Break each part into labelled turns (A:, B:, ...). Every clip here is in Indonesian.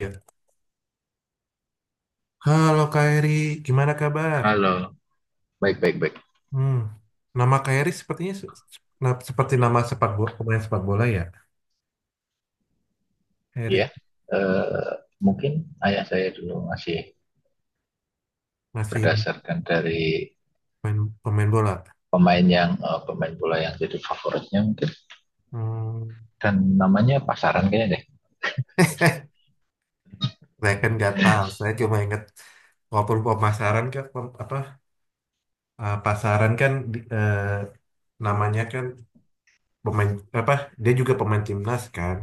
A: Ya. Halo Kairi, gimana kabar?
B: Halo, baik, baik, baik.
A: Hmm, nama Kairi sepertinya seperti nama pemain sepak bola ya.
B: Iya,
A: Erik
B: eh, mungkin ayah saya dulu masih
A: masih
B: berdasarkan dari
A: pemain, pemain bola.
B: pemain bola yang jadi favoritnya mungkin,
A: Hmm.
B: dan namanya pasaran kayaknya deh.
A: Saya kan nggak tahu. Saya cuma ingat walaupun pemasaran kan pasaran kan namanya kan pemain apa dia juga pemain timnas kan.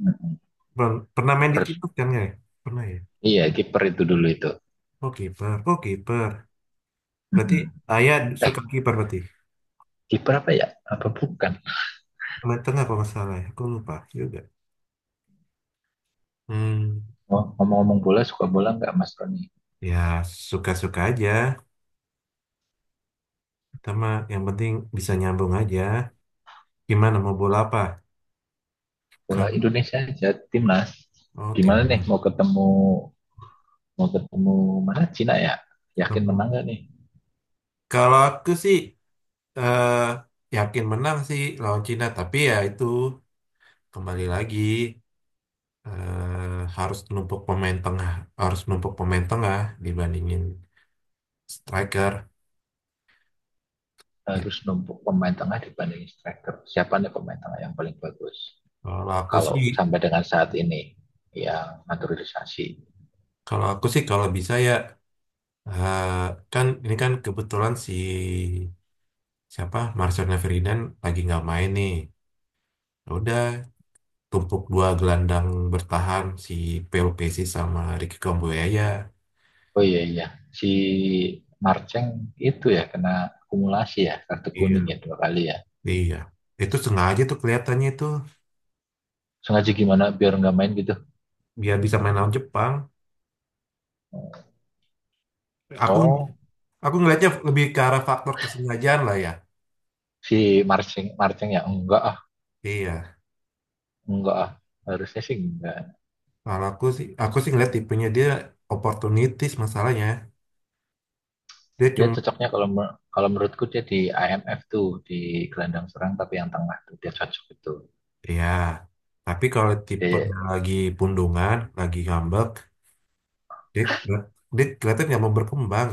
B: Mm,
A: Pernah main di
B: kiper,
A: timnas kan nggak ya? Pernah ya.
B: iya kiper itu dulu itu.
A: Oh kiper, oh kiper. Berarti
B: Mm-mm.
A: ayah suka kiper berarti.
B: Kiper apa ya? Apa bukan?
A: Meter apa masalah ya? Aku lupa juga. Hmm,
B: Oh, ngomong-ngomong bola, suka bola nggak Mas Roni?
A: ya suka-suka aja. Pertama, yang penting bisa nyambung aja. Gimana mau bola apa?
B: Bola
A: Kalau
B: Indonesia aja, timnas.
A: oh
B: Gimana nih,
A: timun.
B: mau ketemu mau ketemu mana, Cina ya? Yakin menang
A: Timun.
B: nggak nih?
A: Kalau aku sih eh, yakin menang sih lawan Cina, tapi ya itu kembali lagi, harus numpuk pemain tengah, harus numpuk pemain tengah dibandingin striker. Gitu.
B: Harus numpuk pemain tengah dibanding striker. Siapa nih pemain tengah yang paling bagus?
A: Kalau aku sih,
B: Kalau sampai dengan saat ini yang naturalisasi.
A: kalau aku sih kalau bisa ya. Eh, Kan ini kan kebetulan si Marcelnya Ferdinand lagi nggak main nih. Ya udah, tumpuk dua gelandang bertahan si PLPC sama Ricky Kambuaya.
B: Oh iya iya, si Marceng itu ya kena akumulasi ya, kartu kuning ya
A: Iya,
B: dua kali ya.
A: iya. Itu sengaja tuh kelihatannya itu
B: Sengaja gimana, biar nggak main gitu?
A: biar bisa main lawan Jepang. Aku
B: Oh,
A: aku ngelihatnya lebih ke arah faktor kesengajaan lah ya.
B: si Marceng Marceng ya, enggak ah,
A: Iya.
B: enggak ah, harusnya sih enggak.
A: Kalau aku sih ngeliat tipenya dia oportunitis masalahnya. Dia
B: Dia
A: cuma.
B: cocoknya kalau kalau menurutku dia di IMF tuh, di gelandang serang, tapi yang tengah tuh dia cocok itu.
A: Iya, tapi kalau tipe
B: Dia
A: lagi pundungan, lagi ngambek, dia, dia kelihatan nggak mau berkembang.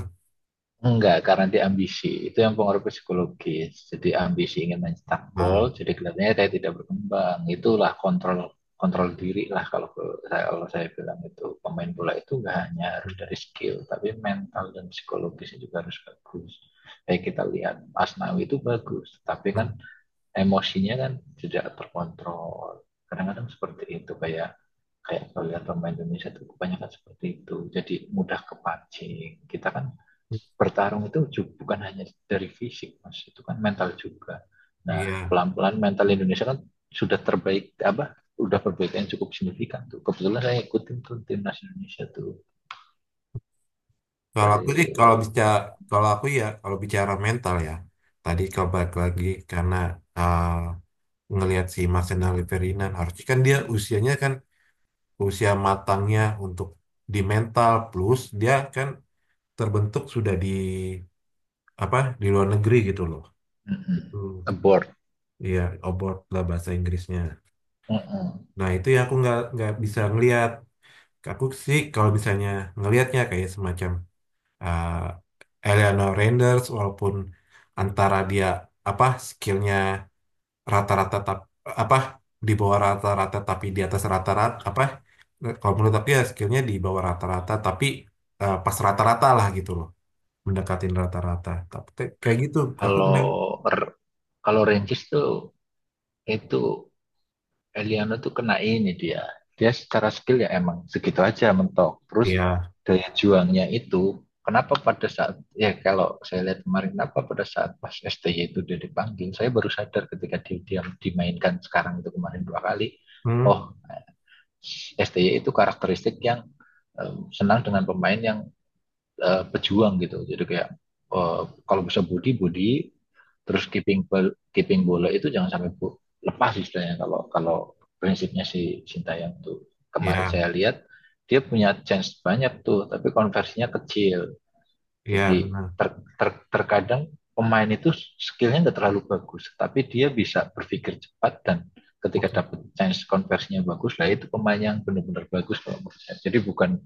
B: Enggak, karena dia ambisi. Itu yang pengaruh psikologis. Jadi ambisi ingin mencetak
A: Nah,
B: gol, jadi kelihatannya saya tidak berkembang. Itulah kontrol kontrol diri lah. Kalau saya bilang, itu pemain bola itu nggak hanya harus dari skill, tapi mental dan psikologisnya juga harus bagus. Kayak kita lihat Asnawi itu bagus, tapi
A: nah,
B: kan emosinya kan tidak terkontrol. Kadang-kadang seperti itu, kayak kayak kalau lihat pemain Indonesia itu kebanyakan seperti itu. Jadi mudah kepancing. Kita kan bertarung itu bukan hanya dari fisik mas, itu kan mental juga. Nah,
A: iya.
B: pelan-pelan mental Indonesia kan sudah terbaik, apa, udah perbaikan cukup signifikan tuh. Kebetulan saya ikutin tuh timnas Indonesia tuh
A: Kalau aku
B: dari
A: sih, kalau bisa, kalau aku ya, kalau bicara mental ya, tadi kalau balik lagi karena ah, ngelihat si Marcelo Ferdinand, harusnya kan dia usianya kan usia matangnya untuk di mental plus dia kan terbentuk sudah di apa di luar negeri gitu loh.
B: mm
A: Itu,
B: -mm, abroad,
A: iya, abroad lah bahasa Inggrisnya.
B: mm -mm.
A: Nah itu ya aku nggak bisa ngelihat. Aku sih kalau misalnya ngelihatnya kayak semacam eh Eleanor Renders walaupun antara dia apa skillnya rata-rata tap, apa di bawah rata-rata tapi di atas rata-rata apa, kalau menurut aku ya skillnya di bawah rata-rata tapi pas rata-rata lah gitu loh, mendekatin rata-rata tapi kayak gitu aku seneng.
B: kalau kalau Rangers tuh, itu Eliano tuh kena ini dia. Dia secara skill ya emang segitu aja mentok. Terus
A: Ya,
B: daya juangnya itu, kenapa pada saat ya kalau saya lihat kemarin, kenapa pada saat pas STY itu dia dipanggil, saya baru sadar ketika dia dimainkan. Sekarang itu kemarin dua kali. Oh,
A: hmm,
B: STY itu karakteristik yang senang dengan pemain yang pejuang gitu. Jadi kayak, eh, kalau bisa body body, terus keeping bola itu jangan sampai lepas, istilahnya. Kalau kalau prinsipnya si Sintayong tuh, kemarin
A: ya,
B: saya lihat dia punya chance banyak tuh, tapi konversinya kecil.
A: ya
B: Jadi
A: benar,
B: terkadang pemain itu skillnya nggak terlalu bagus, tapi dia bisa berpikir cepat, dan ketika dapat chance konversinya bagus, lah itu pemain yang benar-benar bagus kalau menurut saya. Jadi bukan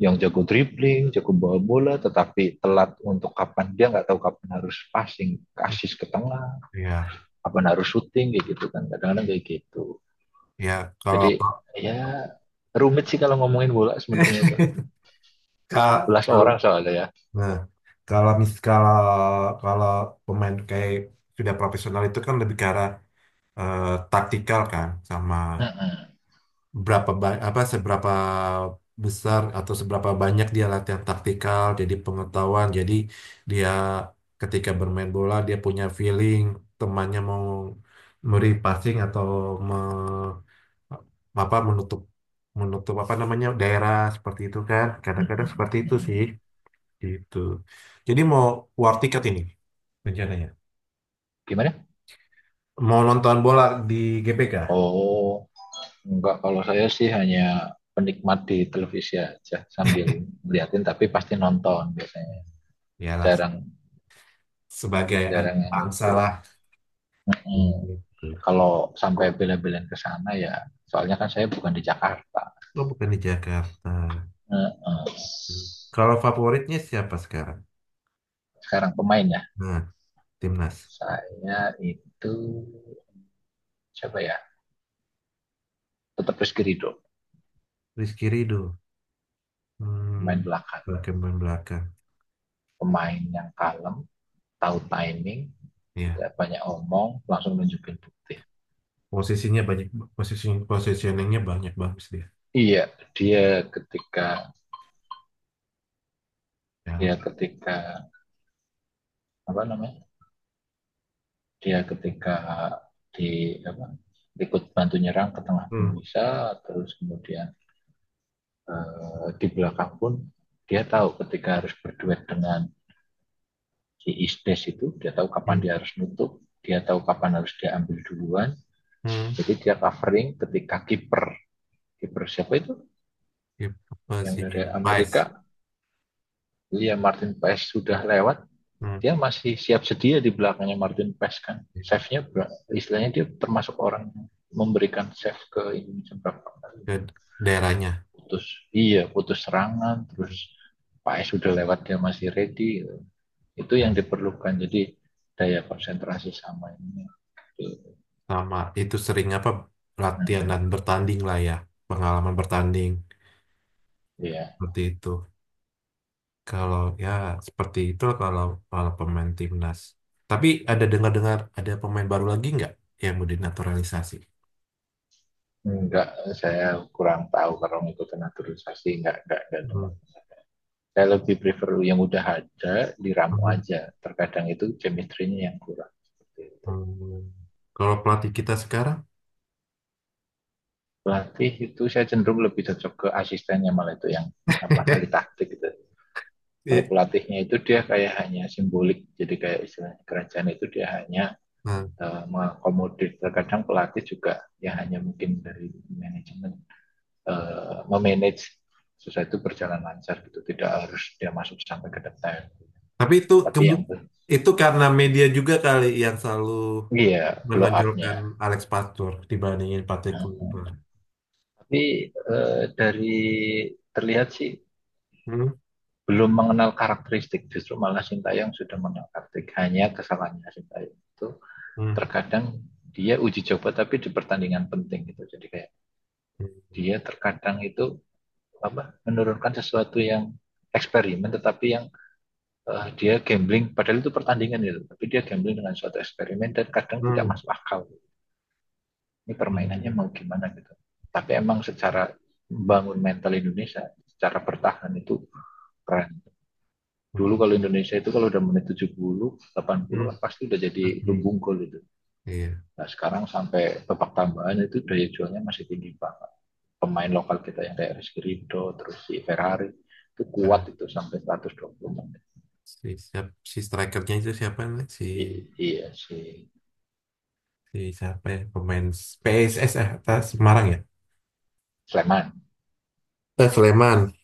B: yang jago dribbling, jago bawa bola, tetapi telat untuk, dia nggak tahu kapan harus passing, asis ke tengah,
A: iya,
B: kapan harus shooting, kayak gitu kan. Kadang-kadang kayak gitu.
A: iya, kalau
B: Jadi ya, rumit sih kalau ngomongin bola sebenarnya itu. sebelas
A: Kalau,
B: orang soalnya ya.
A: nah, kalau mis, kalau, kalau pemain kayak sudah profesional itu kan lebih ke arah eh, taktikal kan sama
B: Heeh,
A: berapa ba- apa seberapa besar atau seberapa banyak dia latihan taktikal jadi pengetahuan jadi dia ketika bermain bola dia punya feeling temannya mau memberi passing atau me- apa menutup, apa namanya daerah seperti itu kan
B: heeh,
A: kadang-kadang seperti itu
B: heeh.
A: sih. Gitu. Jadi mau war ticket ini rencananya.
B: Gimana?
A: Mau nonton bola di GBK.
B: Oh, enggak, kalau saya sih hanya penikmat di televisi aja, sambil ngeliatin tapi pasti nonton biasanya.
A: Yalah,
B: Jarang,
A: sebagai anak
B: jarang yang
A: bangsa
B: itu.
A: lah.
B: Hmm.
A: Gitu.
B: Kalau sampai bela-belain ke sana ya, soalnya kan saya bukan di Jakarta.
A: Lo bukan di Jakarta. Kalau favoritnya siapa sekarang?
B: Sekarang pemainnya,
A: Nah, timnas.
B: saya itu siapa ya, tetap Rizky Ridho.
A: Rizky Ridho. Hmm,
B: Pemain belakang,
A: berkembang belakang.
B: pemain yang kalem, tahu timing,
A: Ya,
B: tidak banyak omong, langsung nunjukin bukti.
A: posisinya banyak, posisi positioningnya banyak bagus dia.
B: Iya, dia ketika dia
A: Ya.
B: ketika apa namanya, dia ketika di, apa, ikut bantu nyerang ke tengah pun
A: Hmm.
B: bisa. Terus kemudian di belakang pun dia tahu ketika harus berduet dengan si Isdes itu, dia tahu kapan
A: Hmm.
B: dia harus nutup, dia tahu kapan harus dia ambil duluan.
A: Hmm.
B: Jadi dia covering ketika kiper, siapa itu
A: Gitu
B: yang
A: sih.
B: dari Amerika,
A: Vice.
B: Liam Martin Paes sudah lewat,
A: Hmm.
B: dia masih siap sedia di belakangnya Martin Paes kan. Save-nya istilahnya, dia termasuk orang yang memberikan save ke Indonesia berapa kali,
A: Ke daerahnya.
B: iya, putus serangan. Terus Paes sudah lewat, dia masih ready. Itu yang
A: Ya,
B: diperlukan, jadi daya konsentrasi sama ini, gitu.
A: sama itu sering apa latihan
B: Nah,
A: dan bertanding lah ya, pengalaman bertanding
B: ya
A: seperti itu, kalau ya seperti itu, kalau kalau pemain timnas tapi ada dengar-dengar ada pemain baru lagi nggak yang mau dinaturalisasi.
B: nggak, saya kurang tahu kalau ngikutin naturalisasi, nggak
A: Hmm,
B: dengar. Saya lebih prefer yang udah ada diramu
A: hmm,
B: aja, terkadang itu chemistry-nya yang kurang, seperti itu.
A: hmm. Kalau pelatih kita sekarang.
B: Pelatih itu saya cenderung lebih cocok ke asistennya malah, itu yang apa, ahli taktik gitu. Kalau
A: Iya.
B: pelatihnya itu dia kayak hanya simbolik, jadi kayak istilahnya kerajaan, itu dia hanya
A: Nah,
B: mengakomodir. Terkadang pelatih juga ya hanya mungkin dari manajemen, memanage sesuatu berjalan lancar gitu, tidak harus dia masuk sampai ke detail.
A: tapi itu
B: Tapi yang,
A: itu karena media juga kali yang selalu
B: iya, blow up-nya.
A: menonjolkan Alex Pastur dibandingin Patrick
B: Hmm.
A: Kluivert.
B: Tapi dari terlihat sih
A: Hmm,
B: belum mengenal karakteristik, justru malah Sintayong sudah mengenal karakteristik. Hanya kesalahannya Sintayong itu,
A: hmm,
B: terkadang dia uji coba tapi di pertandingan penting gitu. Jadi kayak
A: hmm,
B: dia terkadang itu apa, menurunkan sesuatu yang eksperimen, tetapi yang dia gambling, padahal itu pertandingan gitu. Tapi dia gambling dengan suatu eksperimen dan kadang tidak
A: hmm.
B: masuk akal, ini permainannya
A: Hmm,
B: mau gimana gitu. Tapi emang secara membangun mental Indonesia secara bertahan itu keren. Dulu kalau Indonesia itu kalau udah menit 70, 80 kan
A: hmm,
B: pasti udah jadi
A: asli.
B: lumbung gol itu.
A: Iya,
B: Nah, sekarang sampai babak tambahan itu daya jualnya masih tinggi banget. Pemain lokal kita yang kayak Rizky Ridho terus si Ferrari, itu
A: karena
B: kuat, itu sampai 120.
A: si si strikernya itu siapa nih? Si,
B: Iya, si
A: si siapa ya? Pemain PSS, eh, atas Semarang ya?
B: Sleman.
A: Eh, Sleman.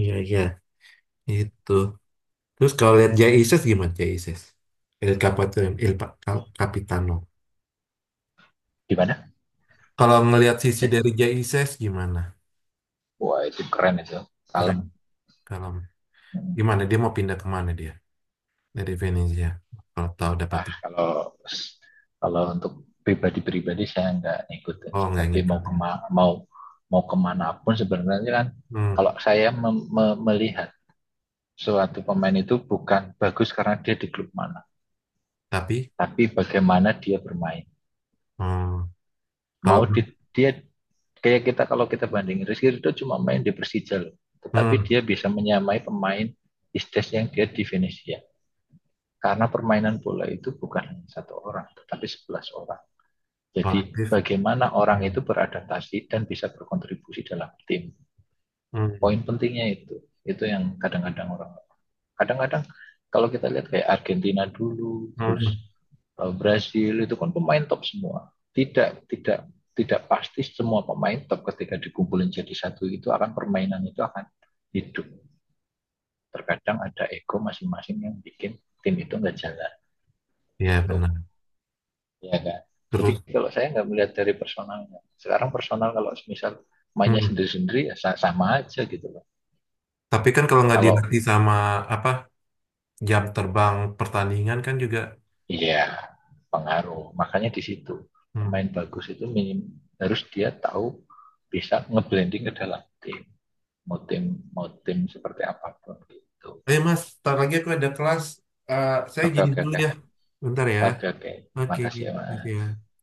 A: Iya, iya. Itu. Terus kalau lihat Jay Isis gimana Jay Isis? El Capitano, Capitano.
B: Di mana?
A: Kalau ngelihat sisi
B: Ya.
A: dari Jay Isis gimana?
B: Wah, itu keren itu, kalem.
A: Keren. Kalau
B: Hmm.
A: gimana dia mau pindah kemana dia? Dari Venezia. Kalau tahu dapat,
B: Ah, kalau kalau untuk pribadi-pribadi saya nggak ngikutin
A: oh
B: sih,
A: nggak
B: tapi
A: ngikut.
B: mau kemana pun sebenarnya kan.
A: Hmm,
B: Kalau saya melihat suatu pemain itu bukan bagus karena dia di klub mana,
A: tapi
B: tapi bagaimana dia bermain.
A: hmm, kalau
B: Mau di, Dia kayak kita, kalau kita bandingin Rizky Ridho cuma main di Persija loh, tetapi
A: hmm,
B: dia bisa menyamai pemain Istes yang dia di Venesia. Karena permainan bola itu bukan satu orang, tetapi 11 orang. Jadi
A: proaktif
B: bagaimana orang
A: hmm.
B: itu beradaptasi dan bisa berkontribusi dalam tim.
A: Hmm.
B: Poin pentingnya itu. Itu yang kadang-kadang orang. Kadang-kadang kalau kita lihat kayak Argentina dulu, terus
A: Hmm.
B: Brasil, itu kan pemain top semua. Tidak, tidak, tidak pasti semua pemain top ketika dikumpulin jadi satu itu akan permainan itu akan hidup. Terkadang ada ego masing-masing yang bikin tim itu nggak jalan
A: Ya
B: gitu.
A: benar,
B: Ya kan. Jadi
A: terus
B: kalau saya nggak melihat dari personalnya. Sekarang personal, kalau misal mainnya
A: hmm.
B: sendiri-sendiri ya sama aja gitu loh.
A: Tapi kan kalau nggak
B: Kalau,
A: dilatih sama apa jam terbang pertandingan kan juga
B: iya, pengaruh, makanya di situ
A: hmm.
B: pemain bagus itu minim, harus dia tahu bisa ngeblending ke dalam tim, mau tim seperti apapun gitu.
A: Eh mas, ntar lagi aku ada kelas. Eh, saya
B: Oke
A: jadi
B: oke
A: dulu
B: oke
A: ya, bentar ya,
B: oke oke.
A: oke,
B: Makasih ya
A: gitu
B: Mas.
A: ya.